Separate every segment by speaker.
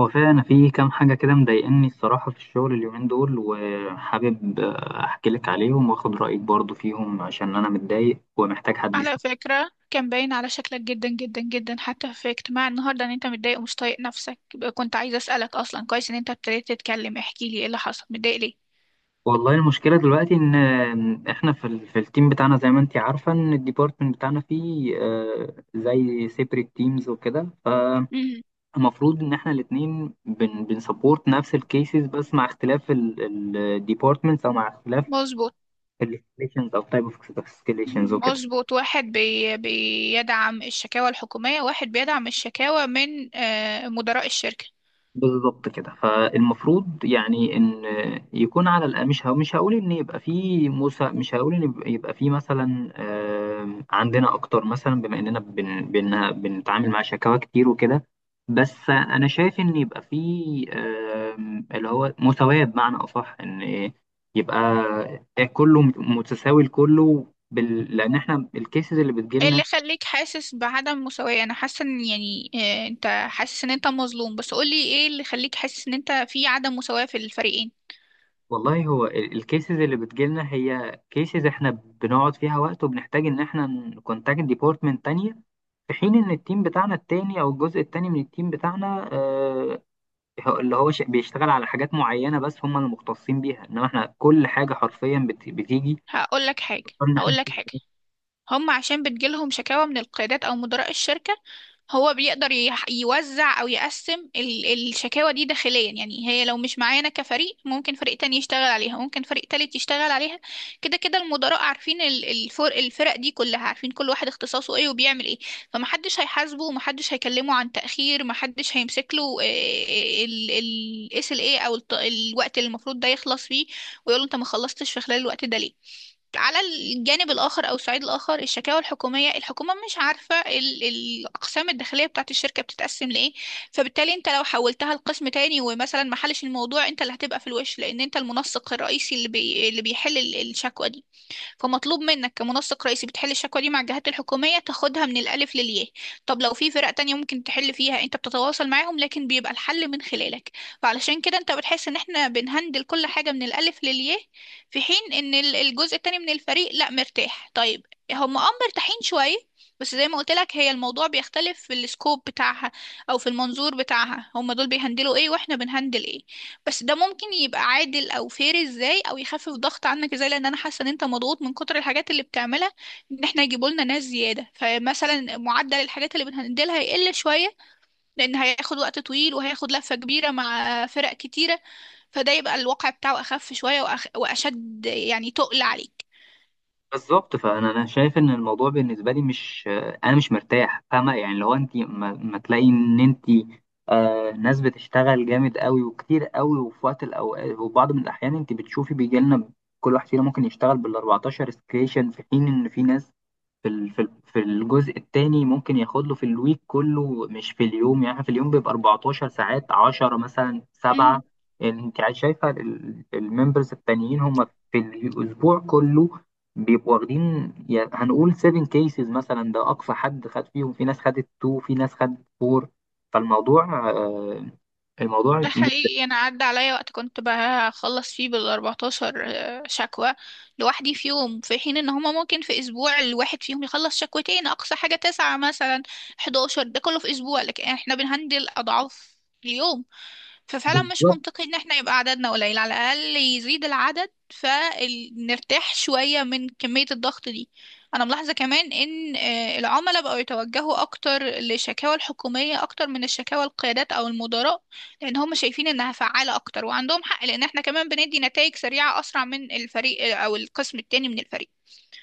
Speaker 1: هو فعلا أنا في كام حاجة كده مضايقني الصراحة في الشغل اليومين دول وحابب أحكي لك عليهم وآخد رأيك برضو فيهم عشان أنا متضايق ومحتاج حد
Speaker 2: على
Speaker 1: يسمع.
Speaker 2: فكرة، كان باين على شكلك جدا جدا جدا حتى في اجتماع النهاردة ان انت متضايق ومش طايق نفسك، يبقى كنت عايزة اسألك اصلا. كويس ان انت ابتديت تتكلم. احكي لي ايه اللي حصل، متضايق ليه؟
Speaker 1: والله المشكلة دلوقتي إن إحنا في التيم بتاعنا زي ما أنت عارفة إن الديبارتمنت بتاعنا فيه زي سيبريت تيمز وكده. فالمفروض
Speaker 2: مم.
Speaker 1: إن إحنا الاتنين بنسبورت نفس الكيسز بس مع اختلاف الديبارتمنتس أو مع اختلاف
Speaker 2: مظبوط،
Speaker 1: الاسكيليشنز أو تايب أوف اسكيليشنز وكده.
Speaker 2: مظبوط، واحد بيدعم الشكاوى الحكومية، واحد بيدعم الشكاوى من مدراء الشركة.
Speaker 1: بالظبط كده. فالمفروض يعني ان يكون على الأقل مش هقول ان يبقى في موسى، مش هقول ان يبقى في مثلا عندنا اكتر، مثلا بما اننا بن بن بنتعامل مع شكاوى كتير وكده. بس انا شايف ان يبقى في اللي هو مساواة، بمعنى اصح ان يبقى كله متساوي لكله لان احنا الكيسز اللي
Speaker 2: ايه
Speaker 1: بتجيلنا.
Speaker 2: اللي خليك حاسس بعدم مساواة؟ انا حاسة ان يعني انت حاسس ان انت مظلوم، بس قولي ايه اللي خليك حاسس ان انت في عدم مساواة في الفريقين.
Speaker 1: والله هو الكيسز اللي بتجيلنا هي كيسز احنا بنقعد فيها وقت وبنحتاج ان احنا نكونتاكت ديبارتمنت تانية، في حين ان التيم بتاعنا التاني او الجزء التاني من التيم بتاعنا بيشتغل على حاجات معينة بس هم اللي مختصين بيها. انما احنا كل حاجة حرفيا بتيجي
Speaker 2: هقول لك حاجة
Speaker 1: بنضطر ان احنا
Speaker 2: هقول لك
Speaker 1: نشتغل.
Speaker 2: حاجة، هم عشان بتجيلهم شكاوى من القيادات أو مدراء الشركة، هو بيقدر يوزع أو يقسم الشكاوى دي داخليا. يعني هي لو مش معانا كفريق، ممكن فريق تاني يشتغل عليها، ممكن فريق تالت يشتغل عليها. كده كده المدراء عارفين الفرق دي كلها، عارفين كل واحد اختصاصه ايه وبيعمل ايه. فمحدش هيحاسبه ومحدش هيكلمه عن تأخير، محدش هيمسك له الاس ال ايه او الوقت اللي المفروض ده يخلص فيه، ويقول له انت ما خلصتش في خلال الوقت ده ليه. على الجانب الآخر أو الصعيد الآخر، الشكاوى الحكومية، الحكومة مش عارفة الأقسام الداخلية بتاعت الشركة بتتقسم لإيه، فبالتالي أنت لو حولتها لقسم تاني ومثلا ما حلش الموضوع، أنت اللي هتبقى في الوش، لأن أنت المنسق الرئيسي اللي اللي بيحل الشكوى دي. فمطلوب منك كمنسق رئيسي بتحل الشكوى دي مع الجهات الحكومية، تاخدها من الألف للياء. طب لو في فرق تانية ممكن تحل فيها، انت بتتواصل معاهم، لكن بيبقى الحل من خلالك. فعلشان كده انت بتحس ان احنا بنهندل كل حاجة من الألف للياء، في حين ان الجزء التاني من الفريق لا، مرتاح. طيب، هم اه مرتاحين شوية، بس زي ما قلت لك، هي الموضوع بيختلف في السكوب بتاعها او في المنظور بتاعها، هم دول بيهندلوا ايه واحنا بنهندل ايه. بس ده ممكن يبقى عادل او فير ازاي، او يخفف ضغط عنك ازاي، لان انا حاسه ان انت مضغوط من كتر الحاجات اللي بتعملها. ان احنا يجيبوا لنا ناس زياده، فمثلا معدل الحاجات اللي بنهندلها هيقل شويه، لان هياخد وقت طويل وهياخد لفه كبيره مع فرق كتيره، فده يبقى الواقع بتاعه اخف شويه واشد، يعني تقل عليك.
Speaker 1: بالظبط. فانا شايف ان الموضوع بالنسبه لي مش، انا مش مرتاح، فاهمه؟ يعني لو انت ما تلاقي ان انت ناس بتشتغل جامد قوي وكتير قوي، وفي وقت الاوقات وبعض من الاحيان انت بتشوفي بيجي لنا كل واحد فينا ممكن يشتغل بال 14 سكيشن، في حين ان في ناس في الجزء التاني ممكن ياخد له في الويك كله مش في اليوم. يعني في اليوم بيبقى 14 ساعات، 10 مثلا، 7. يعني انت شايفه الممبرز التانيين هم في الاسبوع كله بيبقوا واخدين يعني هنقول 7 كيسز مثلا، ده اقصى حد خد فيهم. في ناس خدت 2، في ناس خدت 4. فالموضوع آه، الموضوع
Speaker 2: ده حقيقي، انا عدى عليا وقت كنت بخلص فيه بال14 شكوى لوحدي في يوم، في حين ان هما ممكن في اسبوع الواحد فيهم يخلص شكوتين، اقصى حاجة تسعة مثلا، 11، ده كله في اسبوع، لكن احنا بنهندل اضعاف اليوم. ففعلا مش
Speaker 1: بالظبط.
Speaker 2: منطقي ان احنا يبقى عددنا قليل، على الاقل يزيد العدد فنرتاح شوية من كمية الضغط دي. انا ملاحظة كمان ان العملاء بقوا يتوجهوا اكتر للشكاوى الحكومية اكتر من الشكاوى القيادات او المدراء، لان هم شايفين انها فعالة اكتر، وعندهم حق، لان احنا كمان بندي نتائج سريعة، اسرع من الفريق او القسم التاني من الفريق.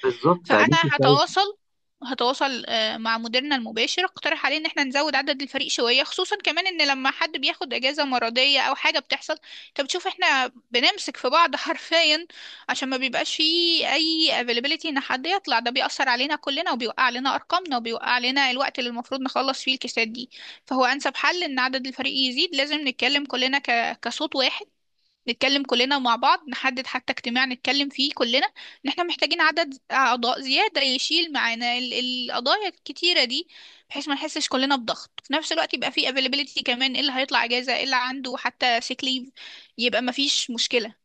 Speaker 1: بالظبط اديك
Speaker 2: فانا
Speaker 1: شايف.
Speaker 2: هتواصل، هتواصل مع مديرنا المباشر، اقترح عليه ان احنا نزود عدد الفريق شويه، خصوصا كمان ان لما حد بياخد اجازه مرضيه او حاجه بتحصل، انت بتشوف احنا بنمسك في بعض حرفيا، عشان ما بيبقاش فيه اي availability ان حد يطلع، ده بيأثر علينا كلنا، وبيوقع علينا ارقامنا، وبيوقع علينا الوقت اللي المفروض نخلص فيه الكيسات دي. فهو انسب حل ان عدد الفريق يزيد. لازم نتكلم كلنا كصوت واحد، نتكلم كلنا مع بعض، نحدد حتى اجتماع نتكلم فيه كلنا ان احنا محتاجين عدد اعضاء زيادة يشيل معانا القضايا الكتيرة دي، بحيث ما نحسش كلنا بضغط في نفس الوقت، يبقى في availability كمان، ايه اللي هيطلع اجازة، ايه اللي عنده حتى sick leave، يبقى ما فيش مشكلة.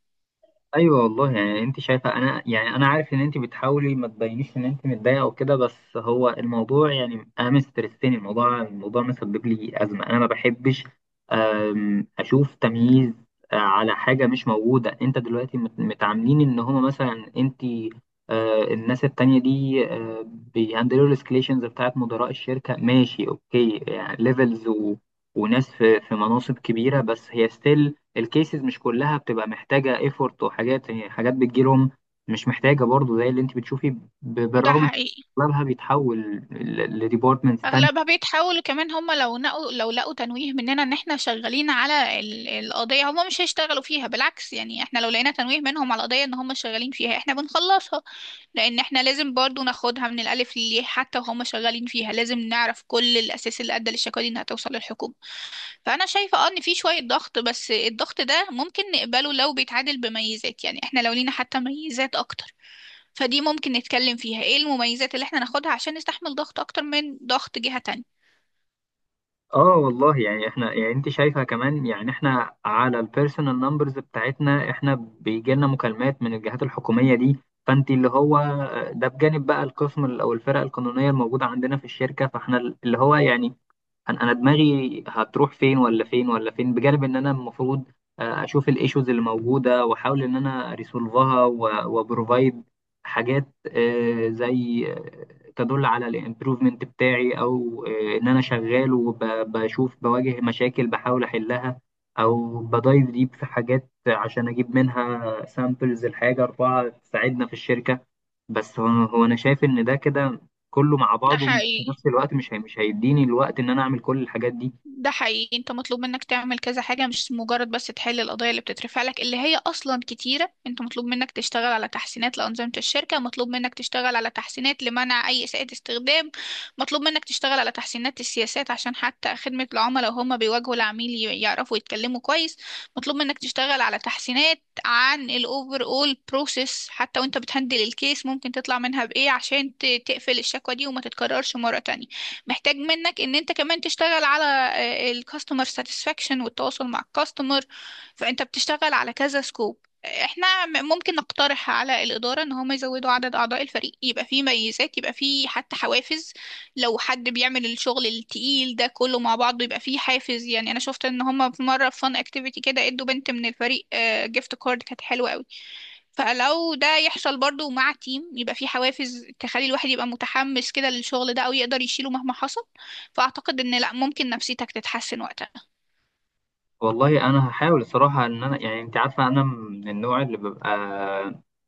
Speaker 1: ايوه والله، يعني انت شايفه انا، يعني انا عارف ان انت بتحاولي ما تبينيش ان انت متضايقه وكده. بس هو الموضوع يعني انا مسترسني الموضوع. الموضوع مسبب لي ازمه، انا ما بحبش اشوف تمييز على حاجه مش موجوده. انت دلوقتي متعاملين ان هما مثلا، انت الناس التانية دي بيهندلوا الاسكليشنز بتاعت مدراء الشركه، ماشي اوكي يعني ليفلز و... وناس في مناصب كبيره، بس هي ستيل الكيسز مش كلها بتبقى محتاجة ايفورت وحاجات. يعني حاجات بتجيلهم مش محتاجة برضو زي اللي انت بتشوفي
Speaker 2: ده
Speaker 1: بالرغم من
Speaker 2: حقيقي.
Speaker 1: إن اغلبها بيتحول لديبارتمنتس تانية.
Speaker 2: اغلبها بيتحاولوا كمان، هم لو نقوا لو لقوا تنويه مننا ان احنا شغالين على القضيه، هم مش هيشتغلوا فيها، بالعكس يعني، احنا لو لقينا تنويه منهم على القضيه ان هم شغالين فيها، احنا بنخلصها، لان احنا لازم برضو ناخدها من الالف للياء. حتى وهم شغالين فيها لازم نعرف كل الاساس اللي ادى للشكوى دي انها توصل للحكومه. فانا شايفه اه ان في شويه ضغط، بس الضغط ده ممكن نقبله لو بيتعادل بميزات. يعني احنا لو لينا حتى ميزات اكتر، فدي ممكن نتكلم فيها، ايه المميزات اللي احنا ناخدها عشان نستحمل ضغط اكتر من ضغط جهه تانية.
Speaker 1: اه والله، يعني احنا، يعني انت شايفة كمان يعني احنا على البيرسونال نمبرز بتاعتنا احنا بيجي لنا مكالمات من الجهات الحكومية دي. فانت اللي هو ده بجانب بقى القسم او الفرق القانونية الموجودة عندنا في الشركة، فاحنا اللي هو يعني أنا دماغي هتروح فين ولا فين ولا فين، بجانب ان انا المفروض اشوف الايشوز اللي موجوده واحاول ان انا ريسولفها، وبروفايد حاجات زي تدل على الامبروفمنت بتاعي، او ان انا شغال وبشوف بواجه مشاكل بحاول احلها، او بدايف ديب في حاجات عشان اجيب منها سامبلز الحاجه اربعه تساعدنا في الشركه. بس هو انا شايف ان ده كده كله مع
Speaker 2: ده
Speaker 1: بعضه في
Speaker 2: حقيقي.
Speaker 1: نفس الوقت مش مش هيديني الوقت ان انا اعمل كل الحاجات دي.
Speaker 2: ده حقيقي، انت مطلوب منك تعمل كذا حاجة، مش مجرد بس تحل القضايا اللي بتترفع لك، اللي هي اصلا كتيرة. انت مطلوب منك تشتغل على تحسينات لأنظمة الشركة، مطلوب منك تشتغل على تحسينات لمنع اي إساءة استخدام، مطلوب منك تشتغل على تحسينات السياسات عشان حتى خدمة العملاء وهم بيواجهوا العميل يعرفوا يتكلموا كويس، مطلوب منك تشتغل على تحسينات عن الاوفر اول بروسيس، حتى وانت بتهندل الكيس ممكن تطلع منها بايه عشان تقفل الشكوى دي وما تتكررش مرة تانية. محتاج منك ان انت كمان تشتغل على الكاستمر ساتسفاكشن والتواصل مع الكاستمر. فانت بتشتغل على كذا سكوب. احنا ممكن نقترح على الإدارة ان هم يزودوا عدد اعضاء الفريق، يبقى فيه ميزات، يبقى فيه حتى حوافز. لو حد بيعمل الشغل التقيل ده كله مع بعضه يبقى فيه حافز. يعني انا شفت ان هم في مرة في فان اكتيفيتي كده ادوا بنت من الفريق جيفت كارد كانت حلوة قوي، فلو ده يحصل برضو مع تيم يبقى في حوافز تخلي الواحد يبقى متحمس كده للشغل ده، او يقدر يشيله مهما حصل. فاعتقد ان لا، ممكن نفسيتك تتحسن وقتها.
Speaker 1: والله انا هحاول الصراحه ان انا، يعني انت عارفه انا من النوع اللي ببقى،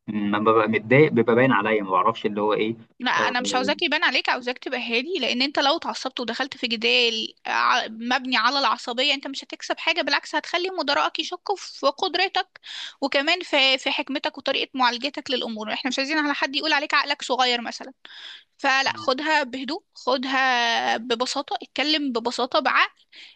Speaker 1: لما ببقى متضايق بيبقى باين عليا، ما بعرفش اللي هو ايه.
Speaker 2: لا،
Speaker 1: آه،
Speaker 2: انا مش عاوزاك يبان عليك، عاوزاك تبقى هادي، لان انت لو اتعصبت ودخلت في جدال مبني على العصبية، انت مش هتكسب حاجة، بالعكس هتخلي مدراءك يشكوا في قدرتك، وكمان في حكمتك وطريقة معالجتك للامور. احنا مش عايزين على حد يقول عليك عقلك صغير مثلا. فلا، خدها بهدوء، خدها ببساطة، اتكلم ببساطة، بعقل،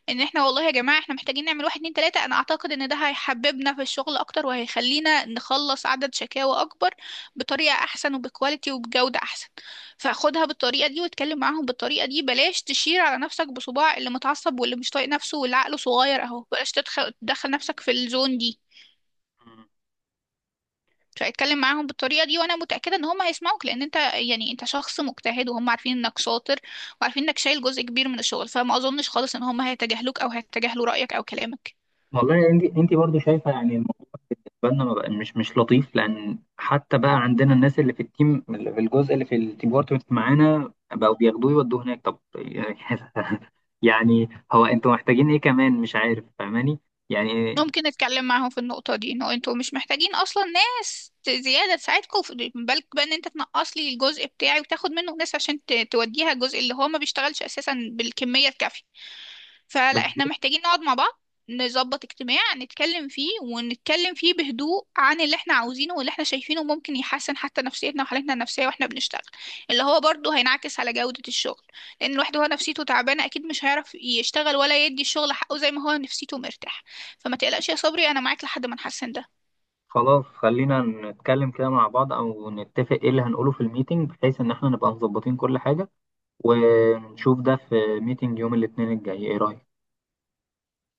Speaker 2: ان احنا والله يا جماعة احنا محتاجين نعمل واحد اتنين تلاتة. انا اعتقد ان ده هيحببنا في الشغل اكتر وهيخلينا نخلص عدد شكاوى اكبر، بطريقة احسن، وبكواليتي، وبجودة احسن. فخدها بالطريقة دي واتكلم معاهم بالطريقة دي، بلاش تشير على نفسك بصباع اللي متعصب واللي مش طايق نفسه واللي عقله صغير اهو، بلاش تدخل تدخل نفسك في الزون دي. فاتكلم معاهم بالطريقة دي، وانا متأكدة ان هم هيسمعوك، لان انت يعني انت شخص مجتهد وهم عارفين انك شاطر، وعارفين انك شايل جزء كبير من الشغل، فما اظنش خالص ان هم هيتجاهلوك او هيتجاهلوا رأيك او كلامك.
Speaker 1: والله انت برضو شايفه يعني الموضوع بالنسبه لنا ما بقى- مش لطيف، لان حتى بقى عندنا الناس اللي في التيم اللي في الجزء اللي في الديبارتمنت معانا بقوا بياخدوه يودوه هناك. طب يعني هو انتوا محتاجين ايه كمان؟ مش عارف فاهماني يعني.
Speaker 2: ممكن نتكلم معاهم في النقطة دي، انه انتوا مش محتاجين اصلا ناس زيادة تساعدكم بالك بقى ان انت تنقص لي الجزء بتاعي وتاخد منه ناس عشان توديها الجزء اللي هو ما بيشتغلش اساسا بالكمية الكافية. فلا، احنا
Speaker 1: بالظبط.
Speaker 2: محتاجين نقعد مع بعض، نظبط اجتماع نتكلم فيه، ونتكلم فيه بهدوء عن اللي احنا عاوزينه واللي احنا شايفينه ممكن يحسن حتى نفسيتنا وحالتنا النفسية واحنا بنشتغل، اللي هو برضه هينعكس على جودة الشغل، لان الواحد وهو نفسيته تعبانة اكيد مش هيعرف يشتغل ولا يدي الشغل حقه زي ما هو نفسيته مرتاح. فما تقلقش يا صبري، انا معاك لحد ما نحسن ده.
Speaker 1: خلاص، خلينا نتكلم كده مع بعض او نتفق ايه اللي هنقوله في الميتنج، بحيث ان احنا نبقى مظبطين كل حاجة، ونشوف ده في ميتنج يوم الاثنين الجاي. ايه رأيك؟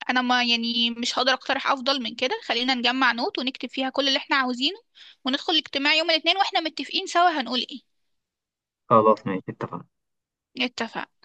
Speaker 2: انا ما يعني مش هقدر اقترح افضل من كده، خلينا نجمع نوت ونكتب فيها كل اللي احنا عاوزينه، وندخل الاجتماع يوم الاثنين واحنا متفقين سوا هنقول ايه.
Speaker 1: خلاص ماشي، اتفقنا.
Speaker 2: اتفق.